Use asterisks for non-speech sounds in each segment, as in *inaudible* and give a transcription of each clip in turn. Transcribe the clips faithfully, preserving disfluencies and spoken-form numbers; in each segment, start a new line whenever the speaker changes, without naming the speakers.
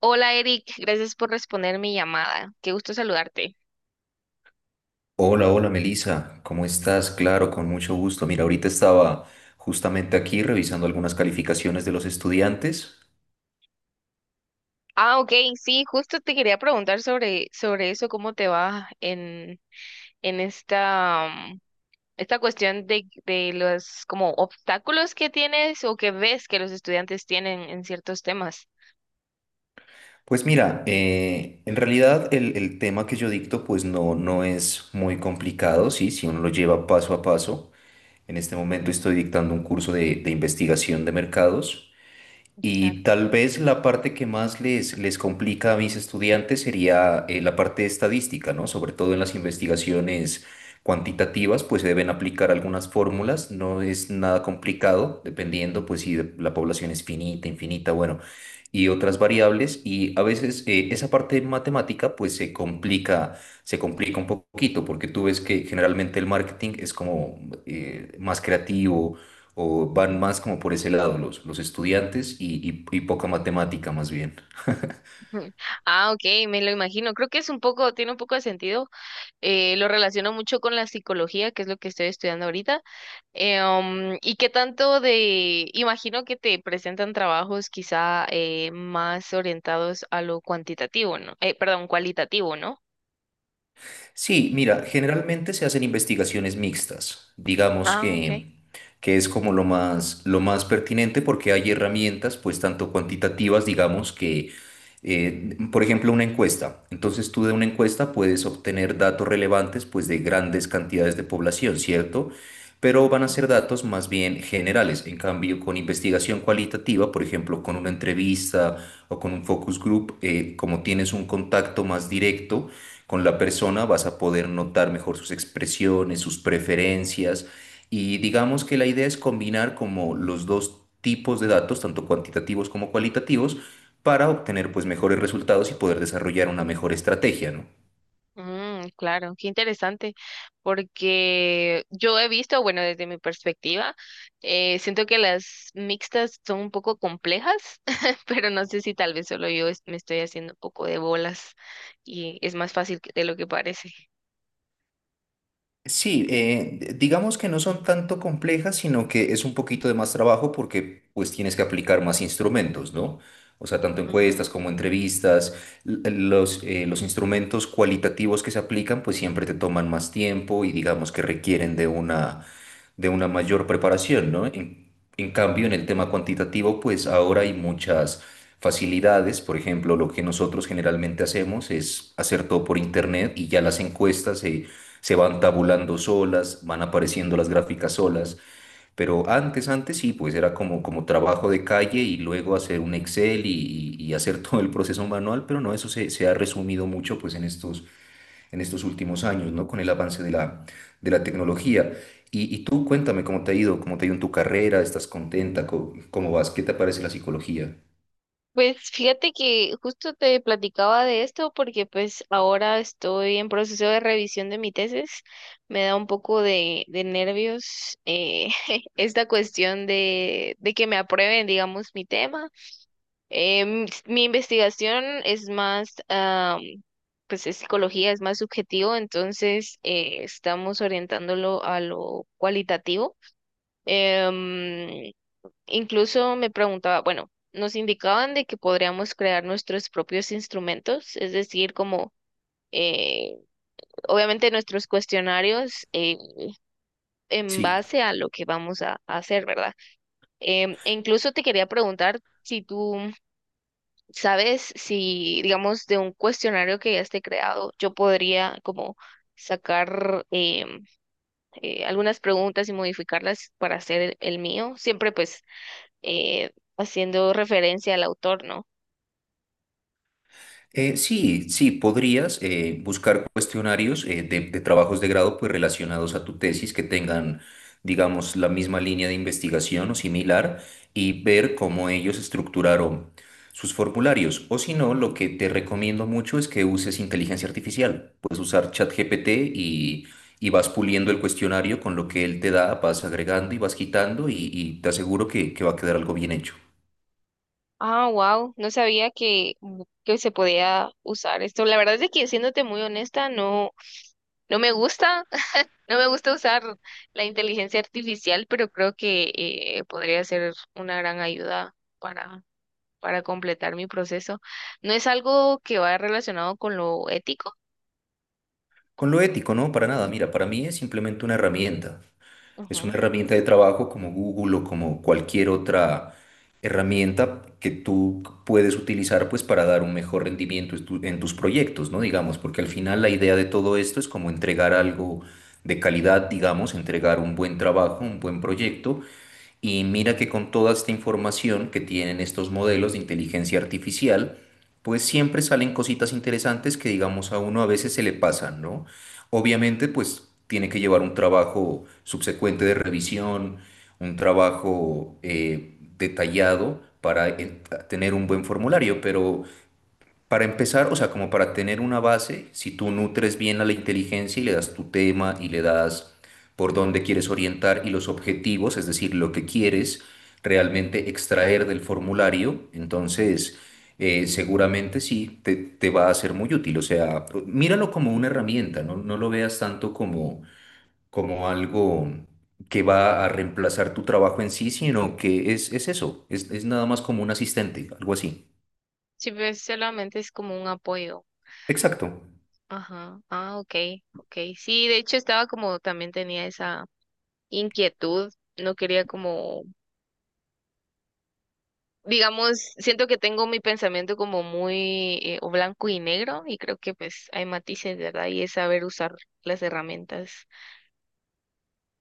Hola Eric, gracias por responder mi llamada. Qué gusto saludarte.
Hola, hola Melissa, ¿cómo estás? Claro, con mucho gusto. Mira, ahorita estaba justamente aquí revisando algunas calificaciones de los estudiantes.
Ah, ok, sí, justo te quería preguntar sobre, sobre eso, cómo te va en, en esta, mm, esta cuestión de, de los como obstáculos que tienes o que ves que los estudiantes tienen en ciertos temas.
Pues mira, eh, en realidad el, el tema que yo dicto pues no, no es muy complicado, sí, si uno lo lleva paso a paso. En este momento estoy dictando un curso de, de investigación de mercados. Y tal vez la parte que más les, les complica a mis estudiantes sería eh, la parte de estadística, ¿no? Sobre todo en las investigaciones cuantitativas, pues se deben aplicar algunas fórmulas, no es nada complicado, dependiendo pues si de- la población es finita, infinita, bueno, y otras variables. Y a veces eh, esa parte matemática pues se complica, se complica un poquito, porque tú ves que generalmente el marketing es como eh, más creativo o van más como por ese lado los, los estudiantes y, y- y poca matemática más bien.
*laughs* Ujú. Ah, ok, me lo imagino. Creo que es un poco, tiene un poco de sentido. Eh, lo relaciono mucho con la psicología, que es lo que estoy estudiando ahorita. Eh, um, ¿y qué tanto de? Imagino que te presentan trabajos quizá eh, más orientados a lo cuantitativo, ¿no? Eh, perdón, cualitativo, ¿no?
Sí, mira, generalmente se hacen investigaciones mixtas, digamos
Ah, ok.
que, que es como lo más, lo más pertinente porque hay herramientas, pues tanto cuantitativas, digamos que, eh, por ejemplo, una encuesta. Entonces tú de una encuesta puedes obtener datos relevantes, pues de grandes cantidades de población, ¿cierto? Pero van a ser datos más bien generales. En cambio, con investigación cualitativa, por ejemplo, con una entrevista o con un focus group, eh, como tienes un contacto más directo, con la persona vas a poder notar mejor sus expresiones, sus preferencias y digamos que la idea es combinar como los dos tipos de datos, tanto cuantitativos como cualitativos, para obtener pues mejores resultados y poder desarrollar una mejor estrategia, ¿no?
Mm, claro, qué interesante, porque yo he visto, bueno, desde mi perspectiva, eh, siento que las mixtas son un poco complejas, *laughs* pero no sé si tal vez solo yo es- me estoy haciendo un poco de bolas y es más fácil que- de lo que parece.
Sí, eh, digamos que no son tanto complejas, sino que es un poquito de más trabajo porque pues tienes que aplicar más instrumentos, ¿no? O sea, tanto encuestas como entrevistas, l- eh, los, eh, los instrumentos cualitativos que se aplican pues siempre te toman más tiempo y digamos que requieren de una de una mayor preparación, ¿no? En, en cambio, en el tema cuantitativo, pues ahora hay muchas facilidades. Por ejemplo, lo que nosotros generalmente hacemos es hacer todo por internet y ya las encuestas se, se van tabulando solas, van apareciendo las gráficas solas. Pero antes, antes sí, pues era como, como trabajo de calle y luego hacer un Excel y, y- y hacer *laughs* todo el proceso manual, pero no, eso se, se ha resumido mucho pues en estos en estos últimos años, ¿no? Con el avance de la, de la tecnología. Y, y tú cuéntame cómo te ha ido, cómo te ha ido en tu carrera, ¿estás contenta? ¿Cómo, cómo vas? ¿Qué te parece la psicología?
Pues fíjate que justo te platicaba de esto porque pues ahora estoy en proceso de revisión de mi tesis. Me da un poco de, de nervios eh, *laughs* esta cuestión de, de que me aprueben, digamos, mi tema. Em, s- mi investigación es más, am, pues es psicología, es más subjetivo, entonces eh, estamos orientándolo a lo cualitativo. Em, Incluso me preguntaba, bueno, nos indicaban de que podríamos crear nuestros propios instrumentos, es decir, como eh, obviamente nuestros cuestionarios eh, en
Sí.
base a lo que vamos a, a hacer, ¿verdad? Em, e incluso te quería preguntar si tú sabes si, digamos, de un cuestionario que ya esté creado, yo podría como sacar em, eh, algunas preguntas y modificarlas para hacer el, el mío, siempre pues eh, haciendo referencia al autor, ¿no?
Eh, sí, sí, podrías eh, buscar cuestionarios eh, de, de trabajos de grado pues, relacionados a tu tesis que tengan, digamos, la misma línea de investigación o similar y ver cómo ellos estructuraron sus formularios. O si no, lo que te recomiendo mucho es que uses inteligencia artificial. Puedes usar ChatGPT y, y vas puliendo el cuestionario con lo que él te da, vas agregando y vas quitando y, y te aseguro que, que va a quedar algo bien hecho.
Ah, wow, no sabía que, mm, que se podía usar esto. La verdad es que siéndote muy honesta, no, no me gusta, *laughs* no me gusta usar la inteligencia artificial, pero creo que eh, podría ser una gran ayuda para, para completar mi proceso. No es algo que vaya relacionado con lo ético.
Con lo ético, no, para nada. Mira, para mí es simplemente una herramienta. Es una
Ujú.
herramienta de trabajo como Google o como cualquier otra herramienta que tú puedes utilizar pues para dar un mejor rendimiento en tu- en tus proyectos, ¿no? Digamos, porque al final la idea de todo esto es como entregar algo de calidad, digamos, entregar un buen trabajo, un buen proyecto y mira que con toda esta información que tienen estos modelos de inteligencia artificial, pues siempre salen cositas interesantes que digamos a uno a veces se le pasan, ¿no? Obviamente, pues tiene que llevar un trabajo subsecuente de revisión, un trabajo eh, detallado para eh, tener un buen formulario, pero para empezar, o sea, como para tener una base, si tú nutres bien a la inteligencia y le das tu tema y le das por dónde quieres orientar y los objetivos, es decir, lo que quieres realmente extraer del formulario, entonces eh, seguramente sí te, te va a ser muy útil. O sea, míralo como una herramienta, no, no lo veas tanto como, como algo que va a reemplazar tu trabajo en sí, sino que es, es eso, es, es nada más como un asistente, algo así.
Sí, pues solamente es como un apoyo.
Exacto.
Ajá. Ah, ok, ok. Sí, de hecho estaba como también tenía esa inquietud. No quería como digamos, siento que tengo mi pensamiento como muy eh, o blanco y negro y creo que pues hay matices, ¿verdad? Y es saber usar las herramientas.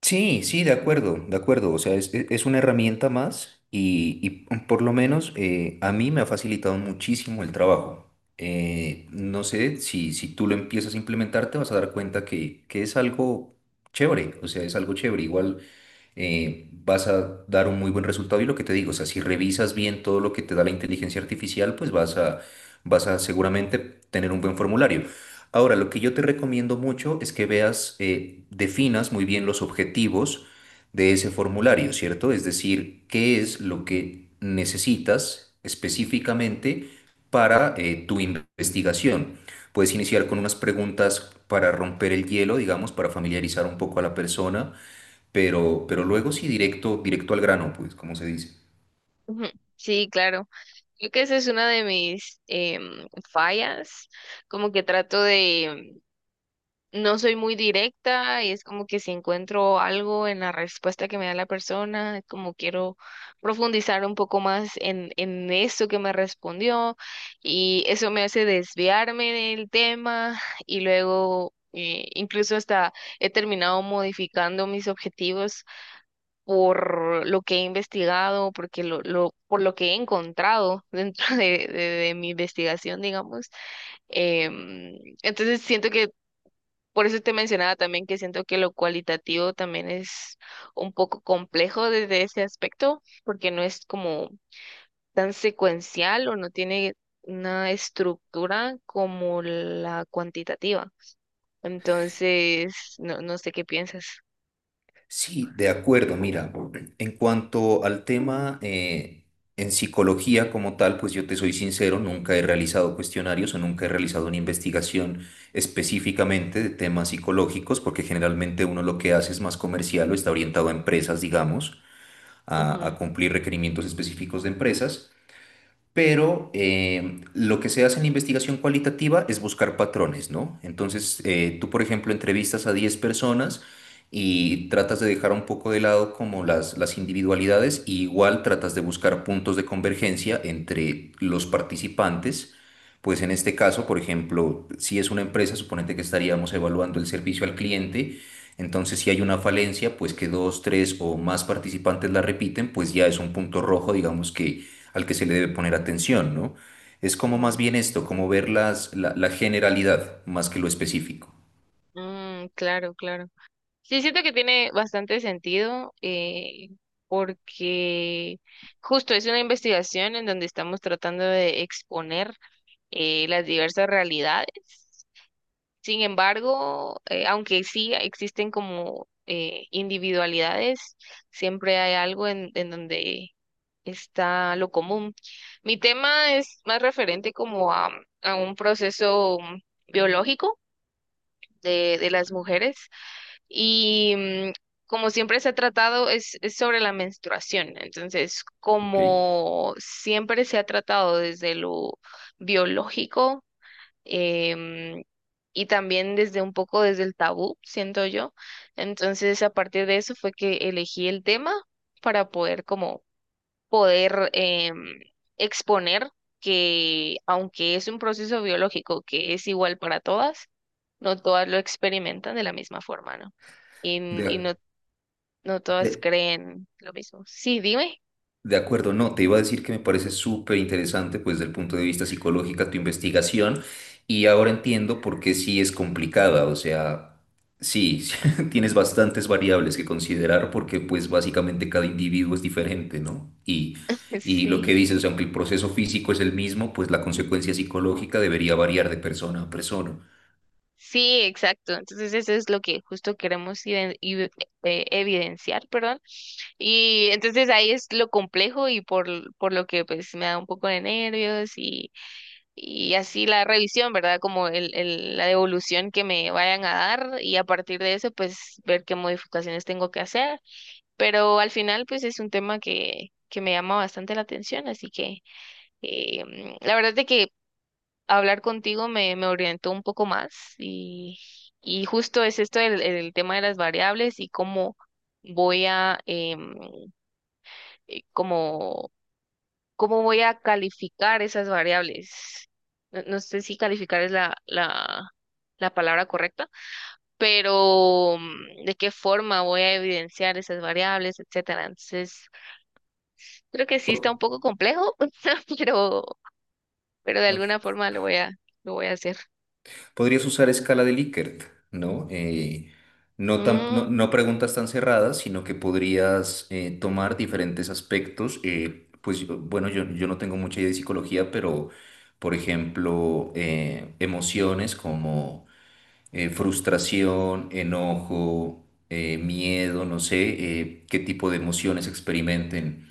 Sí, sí, de acuerdo, de acuerdo. O sea, es, e- es una herramienta más y, y por lo menos eh, a mí me ha facilitado muchísimo el trabajo. Eh, no sé si, si tú lo empiezas a implementar, te vas a dar cuenta que, que es algo chévere. O sea, es algo chévere. Igual eh, vas a dar un muy buen resultado. Y lo que te digo, o sea, si revisas bien todo lo que te da la inteligencia artificial, pues vas a, vas a seguramente tener un buen formulario. Ahora, lo que yo te recomiendo mucho es que veas, eh, definas muy bien los objetivos de ese formulario, ¿cierto? Es decir, qué es lo que necesitas específicamente para eh, tu investigación. Puedes iniciar con unas preguntas para romper el hielo, digamos, para familiarizar un poco a la persona, pero, pero luego sí directo, directo al grano, pues, como se dice.
Ujú. Sí, claro. Creo que esa es una de mis em, fallas, como que trato de... No soy muy directa y es como que si encuentro algo en la respuesta que me da la persona, es como quiero profundizar un poco más en, en eso que me respondió y eso me hace desviarme del tema *laughs* y luego eh, incluso hasta he terminado modificando mis objetivos por lo que he investigado, porque lo, lo, por lo que he encontrado *laughs* dentro de, de de mi investigación, digamos. Em, entonces siento que por eso te mencionaba también que siento que lo cualitativo también es un poco complejo desde ese aspecto, porque no es como tan secuencial o no tiene una estructura como la cuantitativa. Entonces, no, no sé qué piensas.
Sí, de acuerdo. Mira, en cuanto al tema eh, en psicología como tal, pues yo te soy sincero, nunca he realizado cuestionarios o nunca he realizado una investigación específicamente de temas psicológicos, porque generalmente uno lo que hace es más comercial o está orientado a empresas, digamos, a, a cumplir requerimientos específicos de empresas. Pero eh, lo que se hace en la investigación cualitativa es buscar patrones, ¿no? Entonces, eh, tú, por ejemplo, entrevistas a diez personas y tratas de dejar un poco de lado como las, las individualidades y igual tratas de buscar puntos de convergencia entre los participantes. Pues en este caso, por ejemplo, si es una empresa, suponete que estaríamos evaluando el servicio al cliente. Entonces, si hay una falencia, pues que dos, tres o más participantes la repiten, pues ya es un punto rojo, digamos que al que se le debe poner atención, ¿no? Es como
Ujú,
más
ujú.
bien esto, como ver las, la, la generalidad más que lo específico.
Mm, claro, claro. Sí, siento que tiene bastante sentido eh, porque justo es una investigación en donde estamos tratando de exponer eh, las diversas realidades. Sin embargo, eh, aunque sí existen como eh, individualidades, siempre hay algo en, en donde está lo común. Mi tema es más referente como a, a un proceso biológico de, de las mujeres y mm, como siempre se ha tratado, es, es sobre la menstruación. Entonces,
¿Ok?
como siempre se ha tratado desde lo biológico em, y también desde un poco desde el tabú, siento yo. Entonces, a partir de eso fue que elegí el tema para poder como poder eh, exponer que aunque es un proceso biológico que es igual para todas, no todas lo experimentan de la misma forma, ¿no? Y, y no,
De,
no todas
de-
creen lo mismo. Sí, dime.
De acuerdo, no, te iba a decir que me parece súper interesante, pues, desde el punto de vista psicológica, tu investigación, y ahora entiendo por qué sí es complicada, o sea, sí, *laughs* sí, tienes bastantes variables que considerar porque, pues, básicamente cada individuo es diferente, ¿no? Y,
*laughs*
y lo que
Sí,
dices, o sea, aunque el proceso físico es el mismo, pues la consecuencia psicológica debería variar de persona a persona.
sí, exacto. Entonces eso es lo que justo queremos iden- ide- eh, evidenciar, perdón. Y entonces ahí es lo complejo y por, por lo que pues me da un poco de nervios y así la revisión, ¿verdad? Como el, el- la devolución que me vayan a dar y a partir de eso, pues ver qué modificaciones tengo que hacer. Pero al final, pues es un tema que, que me llama bastante la atención, así que eh, mm, la verdad es que hablar contigo me, me orientó un poco más y, y justo es esto el, el tema de las variables y cómo voy a em, eh, como ¿cómo voy a calificar esas variables? No, no sé si calificar es la, la, la palabra correcta, pero mm, de qué forma voy a evidenciar esas variables, etcétera. Entonces, creo que sí está un poco complejo, *laughs* pero, pero de alguna
Po-
forma lo voy a, lo voy a hacer.
Podrías usar escala de Likert, ¿no? Eh, no, tan- no,
Mm,
no preguntas tan cerradas, sino que podrías eh, tomar diferentes aspectos. eh, pues yo- bueno, yo, yo no tengo mucha idea de psicología, pero por ejemplo, eh, emociones como eh, frustración, enojo, eh, miedo, no sé, eh, qué tipo de emociones experimenten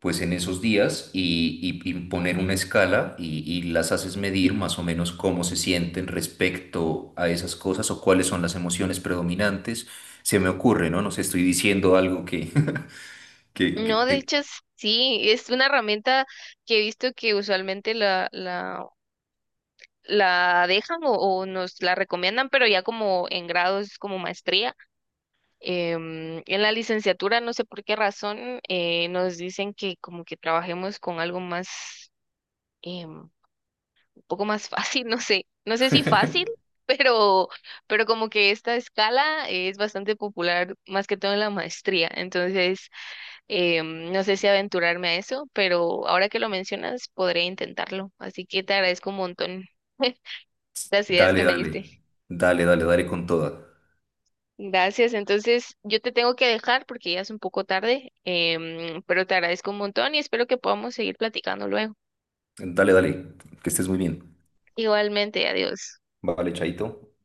pues en esos días y, y- y poner una escala y, y las haces medir más o menos cómo se sienten respecto a esas cosas o cuáles son las emociones predominantes. Se me ocurre, ¿no? No sé, estoy diciendo algo que, *laughs* que,
no,
que-
de
que-
hecho, sí, es una herramienta que he visto que usualmente la, la, la dejan o, o nos la recomiendan, pero ya como en grados como maestría. Em, en la licenciatura, no sé por qué razón, eh, nos dicen que como que trabajemos con algo más, em, un poco más fácil, *laughs* no sé, no sé si fácil, pero, pero como que esta escala es bastante popular, más que todo en la maestría. Entonces, em, no sé si aventurarme a eso, pero ahora que lo mencionas, podré intentarlo. Así que te agradezco un montón *laughs* las ideas que
dale,
me
dale,
diste.
dale, dale, dale con toda.
Gracias. Entonces, yo te tengo que dejar porque ya es un poco tarde, em, pero te agradezco un montón y espero que podamos seguir platicando luego.
Dale, dale, que estés muy bien.
Igualmente, adiós.
Vale, chaito.